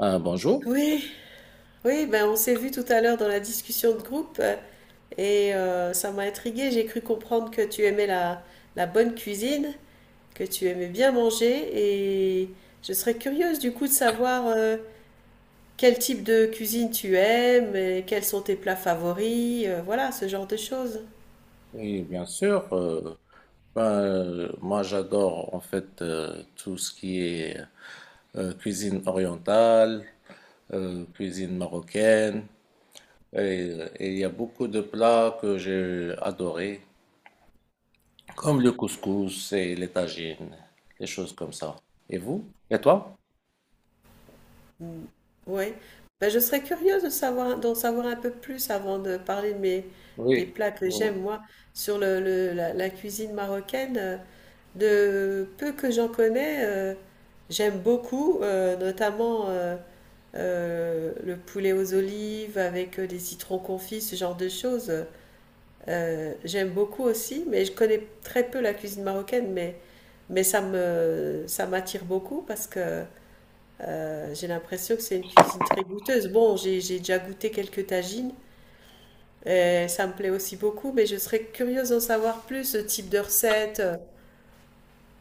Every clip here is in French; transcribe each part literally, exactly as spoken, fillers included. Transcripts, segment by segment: Euh, bonjour, Oui, oui, ben on s'est vu tout à l'heure dans la discussion de groupe euh, et euh, ça m'a intriguée. J'ai cru comprendre que tu aimais la, la bonne cuisine, que tu aimais bien manger et je serais curieuse du coup de savoir euh, quel type de cuisine tu aimes et quels sont tes plats favoris, euh, voilà, ce genre de choses. oui, bien sûr. Euh, ben, euh, moi, j'adore en fait euh, tout ce qui est euh, cuisine orientale, euh, cuisine marocaine, et, euh, et il y a beaucoup de plats que j'ai adorés, comme le couscous et les tagines, des choses comme ça. Et vous? Et toi? Oui, ben je serais curieuse de savoir, d'en savoir un peu plus avant de parler de mes, des Oui, plats que j'aime bon, moi sur le, le- la, la cuisine marocaine. euh, De peu que j'en connais, euh, j'aime beaucoup, euh, notamment euh, euh, le poulet aux olives avec euh, des citrons confits, ce genre de choses. Euh, j'aime beaucoup aussi, mais je connais très peu la cuisine marocaine, mais, mais ça me, ça m'attire beaucoup parce que euh, j'ai l'impression que c'est une cuisine très goûteuse. Bon, j'ai, j'ai déjà goûté quelques tagines, et ça me plaît aussi beaucoup, mais je serais curieuse d'en savoir plus, ce type de recette. euh,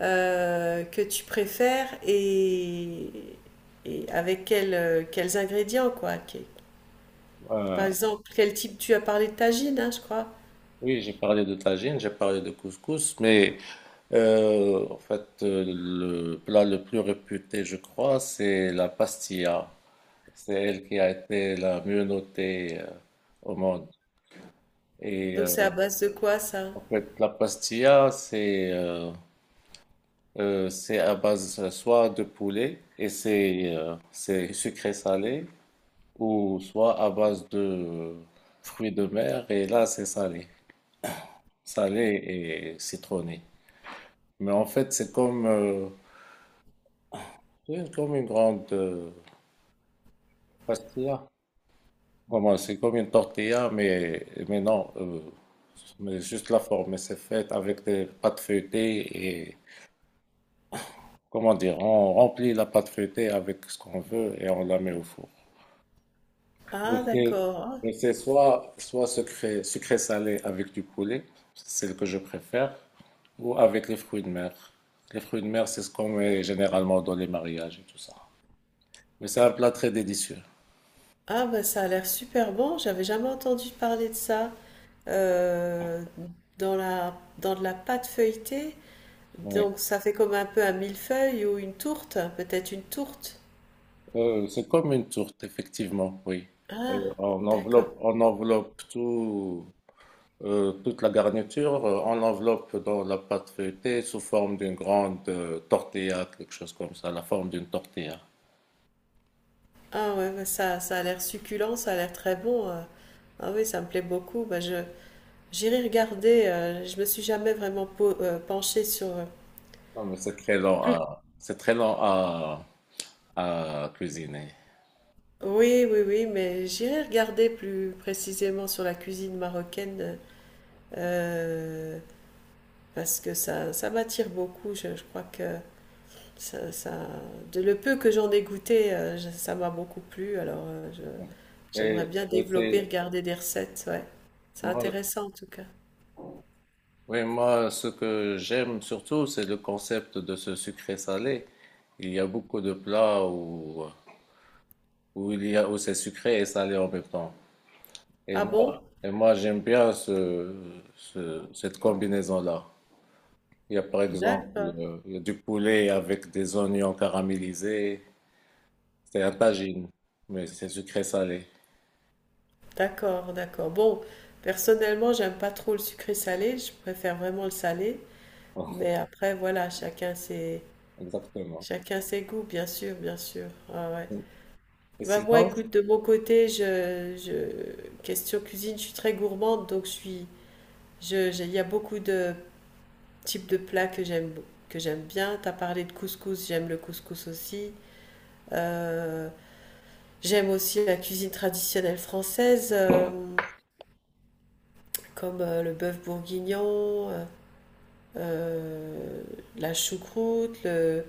euh, Que tu préfères et, et avec quels, euh, quels ingrédients, quoi. Que- euh, Par exemple, quel type... Tu as parlé de tagine, hein, je crois. oui, j'ai parlé de tagine, j'ai parlé de couscous, mais Euh, en fait, euh, le plat le plus réputé, je crois, c'est la pastilla. C'est elle qui a été la mieux notée euh, au monde. Et Donc c'est à euh, base de quoi, ça? en fait, la pastilla, c'est euh, euh, c'est à base soit de poulet et c'est euh, c'est sucré salé, ou soit à base de fruits de mer et là c'est salé, salé et citronné. Mais en fait, c'est comme euh, c'est comme une grande euh, pastilla. Vraiment, c'est comme une tortilla, mais, mais non, euh, mais juste la forme. C'est fait avec des pâtes feuilletées et, comment dire, on remplit la pâte feuilletée avec ce qu'on veut et on la met au four. Ah, Mais c'est d'accord. mais c'est soit, soit sucré, sucré salé avec du poulet, c'est le que je préfère, ou avec les fruits de mer. Les fruits de mer, c'est ce qu'on met généralement dans les mariages et tout ça. Mais c'est un plat très délicieux. Ah bah, ça a l'air super bon, j'avais jamais entendu parler de ça. Euh, Dans la, dans de la pâte feuilletée, Oui. donc ça fait comme un peu un millefeuille ou une tourte, peut-être une tourte. Euh, c'est comme une tourte, effectivement, oui. Ah, Euh, on d'accord. Enveloppe, on enveloppe tout, euh, toute la garniture, euh, on l'enveloppe dans la pâte feuilletée sous forme d'une grande euh, tortilla, quelque chose comme ça, la forme d'une tortilla. Ah ouais, bah ça, ça a l'air succulent, ça a l'air très bon. euh. Ah oui, ça me plaît beaucoup. Bah, je, j'irai regarder. Euh, je me suis jamais vraiment po- euh, penchée sur. euh, Non, mais c'est très lent Plus- à, c'est très lent à, à cuisiner. Oui, oui, oui, mais j'irai regarder plus précisément sur la cuisine marocaine euh, parce que ça, ça m'attire beaucoup. Je, je crois que ça, ça, de le peu que j'en ai goûté, euh, je- ça m'a beaucoup plu. Alors, euh, je, j'aimerais Et, bien et développer, c'est, regarder des recettes. Ouais, c'est moi, intéressant en tout cas. oui, moi, ce que j'aime surtout, c'est le concept de ce sucré-salé. Il y a beaucoup de plats où, où il y a, où c'est sucré et salé en même temps. Et Ah moi, bon? et moi j'aime bien ce, ce- cette combinaison-là. Il y a par exemple D'accord. euh, il y a du poulet avec des oignons caramélisés. C'est un tagine, mais c'est sucré salé. D'accord, d'accord. Bon, personnellement, j'aime pas trop le sucré salé, je préfère vraiment le salé. Mais après, voilà, chacun ses, Exactement. chacun ses goûts, bien sûr, bien sûr. Ah ouais. Et Bah, moi, sinon, écoute, de mon côté, je, je, question cuisine, je suis très gourmande, donc je suis, je, j'ai- il y a beaucoup de types de plats que j'aime, que j'aime bien. T'as parlé de couscous, j'aime le couscous aussi. Euh, J'aime aussi la cuisine traditionnelle française, euh, comme euh, le bœuf bourguignon. euh, euh, la choucroute, le,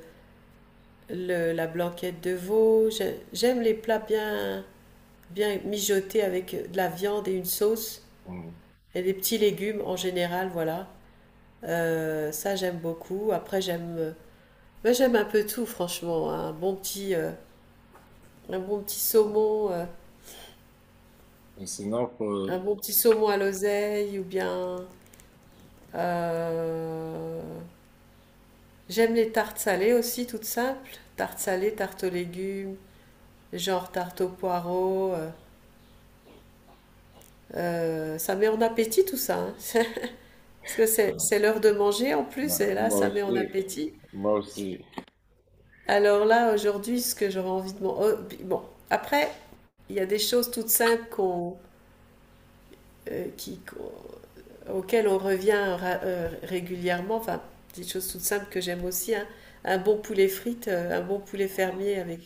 le- la blanquette de veau. J'aime les plats bien, bien mijotés avec de la viande et une sauce mm, et des petits légumes en général, voilà. Euh, ça, j'aime beaucoup. Après, j'aime, ben, j'aime un peu tout, franchement, hein. Un bon petit, euh, un bon petit saumon, euh, et sinon pour- un bon petit saumon à l'oseille ou bien. euh, J'aime les tartes salées aussi, toutes simples. Tartes salées, tartes aux légumes, genre tarte aux poireaux. Euh, euh, ça met en appétit tout ça, hein. Parce que c'est, c'est l'heure de manger en plus, bah, et là, moi ça met en aussi, appétit. moi aussi. Alors là, aujourd'hui, ce que j'aurais envie de manger. Bon, après, il y a des choses toutes simples qu'on, euh, qui, qu'on- auxquelles on revient ra- euh, régulièrement. Enfin, des choses toutes simples que j'aime aussi, hein. Un bon poulet frites, euh, un bon poulet fermier avec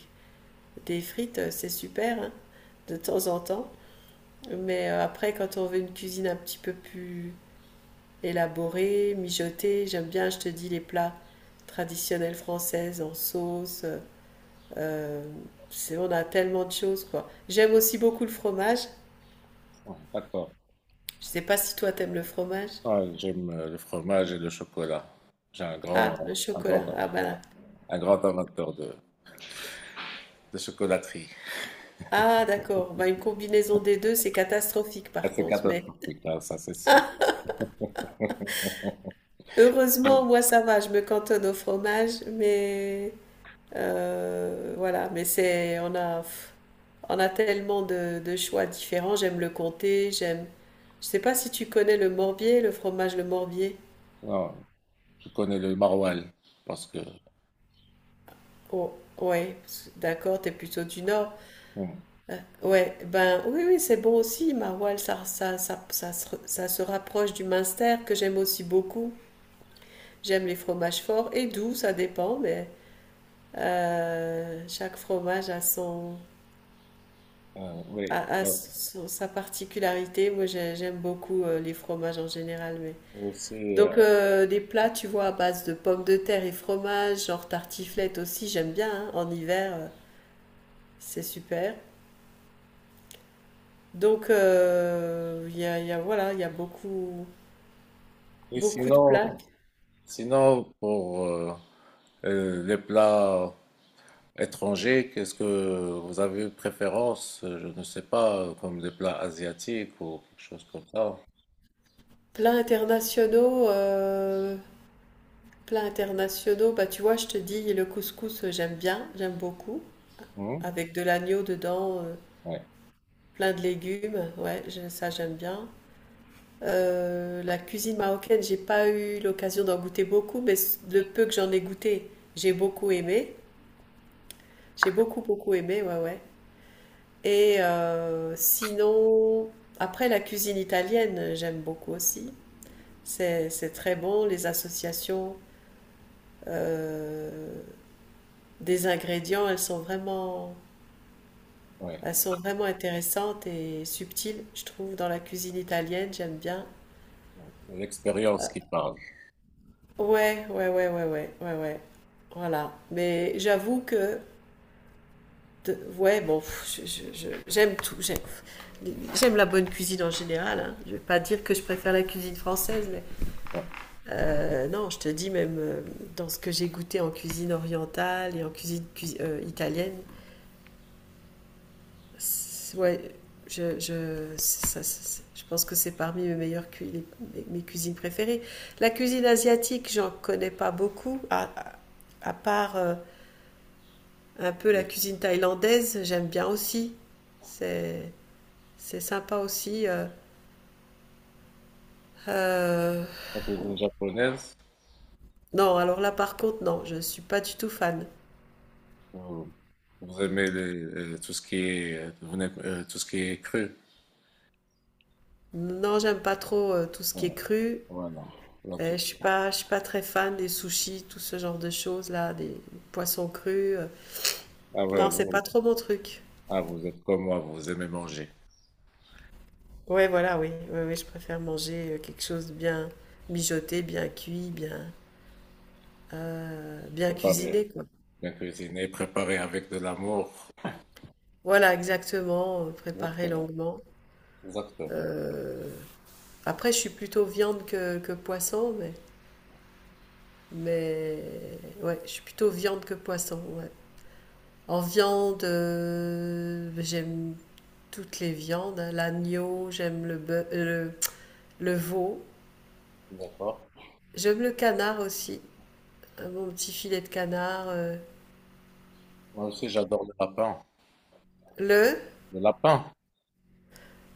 des frites, euh, c'est super, hein, de temps en temps. Mais euh, après, quand on veut une cuisine un petit peu plus élaboré, mijoté. J'aime bien, je te dis, les plats traditionnels françaises en sauce. euh, on a tellement de choses, quoi. J'aime aussi beaucoup le fromage. Bon, d'accord. Je sais pas si toi t'aimes le fromage. Ah, j'aime euh, le fromage et le chocolat. J'ai un Ah, le grand, un grand, chocolat. Ah, voilà. Un grand amateur de, de chocolaterie. Ah, d'accord. Bah, une combinaison des deux, c'est catastrophique Ah, par c'est contre. Mais catastrophique, hein, ça c'est sûr. heureusement, Ouais. moi, ça va. Je me cantonne au fromage. Mais euh, voilà. Mais c'est, on a, pff, on a tellement de, de choix différents. J'aime le comté. J'aime... Je sais pas si tu connais le morbier, le fromage le morbier. Non, je connais le maroilles parce que Oh, ouais, d'accord, t'es plutôt du nord. mm. Euh, Ouais, ben oui, oui, c'est bon aussi, maroilles, ça, ça, ça, ça, se- ça se rapproche du minster que j'aime aussi beaucoup. J'aime les fromages forts et doux, ça dépend, mais euh, chaque fromage a son, euh, Oui. a, a euh, son- sa particularité. Moi, j'ai- j'aime beaucoup euh, les fromages en général, mais. aussi, euh, Donc euh, des plats, tu vois, à base de pommes de terre et fromage, genre tartiflette aussi, j'aime bien, hein, en hiver, euh, c'est super. Donc euh, il y a, il y a- voilà, il y a beaucoup, et beaucoup de sinon, plats. sinon pour euh, euh, Les plats étrangers, qu'est-ce que vous avez une préférence? euh, Je ne sais pas, comme des plats asiatiques ou quelque chose comme ça. Plats internationaux, euh, plats internationaux, bah tu vois, je te dis, le couscous, euh, j'aime bien, j'aime beaucoup, Oui. avec de l'agneau dedans, euh, Ouais, plein de légumes, ouais, je- ça j'aime bien. Euh, la cuisine marocaine, j'ai pas eu l'occasion d'en goûter beaucoup, mais c- le peu que j'en ai goûté, j'ai beaucoup aimé. J'ai beaucoup, beaucoup aimé, ouais, ouais. Et euh, sinon, après la cuisine italienne, j'aime beaucoup aussi. C'est, c'est très bon, les associations euh, des ingrédients, elles sont vraiment, ouais. elles sont vraiment intéressantes et subtiles, je trouve, dans la cuisine italienne, j'aime bien. C'est l'expérience qui parle. Ouais, ouais, ouais, ouais, ouais, ouais, ouais. Voilà. Mais j'avoue que... De- ouais, bon, je- je- je- j'aime tout. J'aime, j'aime la bonne cuisine en général, hein. Je ne vais pas dire que je préfère la cuisine française, mais Ouais. euh, non, je te dis même euh, dans ce que j'ai goûté en cuisine orientale et en cuisine cui- euh, italienne, ouais, je, je, c'est- ça- je pense que c'est parmi mes meilleures cu- les- mes, mes cuisines préférées. La cuisine asiatique, j'en connais pas beaucoup, à, à- à part euh, un peu la cuisine thaïlandaise, j'aime bien aussi. C'est C'est sympa aussi. euh, euh, La cuisine japonaise, Non, alors là par contre, non, je suis pas du tout fan. euh, vous aimez les, euh, tout ce qui est, euh, vous n'aimez- euh, tout ce qui est cru. Non, j'aime pas trop euh, tout ce qui est Ouais. cru. Voilà. Donc, Euh, je suis pas, je suis pas très fan des sushis, tout ce genre de choses là, des poissons crus. euh. ah ouais, Non, c'est ouais. pas trop mon truc. Ah, vous êtes comme moi, vous aimez manger, Ouais, voilà, oui, oui, oui, je préfère manger euh, quelque chose de bien mijoté, bien cuit, bien, euh, bien préparer, cuisiné, quoi. bien cuisiner, préparer avec de l'amour. Voilà, exactement, euh, préparé Exactement, longuement. exactement. Euh, Après, je suis plutôt viande que, que poisson, mais... Mais ouais, je suis plutôt viande que poisson, ouais. En viande, euh, j'aime toutes les viandes, hein. L'agneau, j'aime le, bœuf- euh, le, le veau. D'accord. J'aime le canard aussi. Un bon petit filet de canard. euh. Moi aussi, j'adore le lapin. Le, Le lapin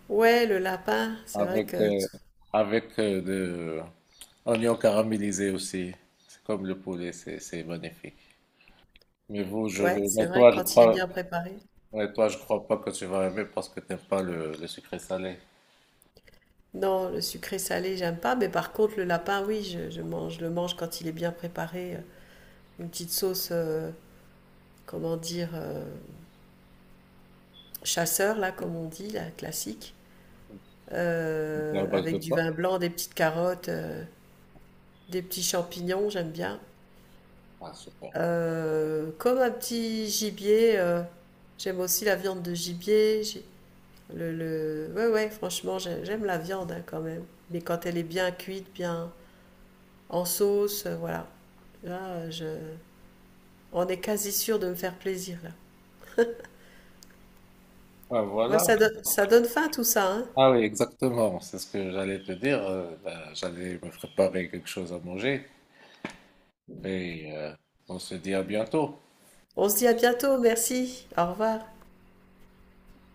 ouais, le lapin. C'est vrai avec que, euh, avec euh, de oignons caramélisés aussi. C'est comme le poulet, c'est c'est magnifique. Mais vous, je, ouais, c'est mais vrai que toi, je quand il est crois, bien préparé. Mais toi, je crois pas que tu vas aimer parce que t'aimes pas le, le sucré salé. Non, le sucré salé, j'aime pas. Mais par contre, le lapin, oui, je, je mange, je le mange quand il est bien préparé. euh, Une petite sauce, euh, comment dire, euh, chasseur, là, comme on dit, la classique. C'est à euh, base de Avec du quoi? vin blanc, des petites carottes, euh, des petits champignons, j'aime bien. Ah, super. Euh, comme un petit gibier, euh, j'aime aussi la viande de gibier. j'ai- Le, le... Ouais, ouais, franchement, j'ai- j'aime la viande, hein, quand même. Mais quand elle est bien cuite, bien en sauce, euh, voilà. Là, euh, je... on est quasi sûr de me faire plaisir, là. Ah, Ouais, voilà. ça, do- ça donne faim tout ça, hein. Ah oui, exactement. C'est ce que j'allais te dire. Euh, bah, j'allais me préparer quelque chose à manger et euh, on se dit à bientôt. On se dit à bientôt, merci. Au revoir.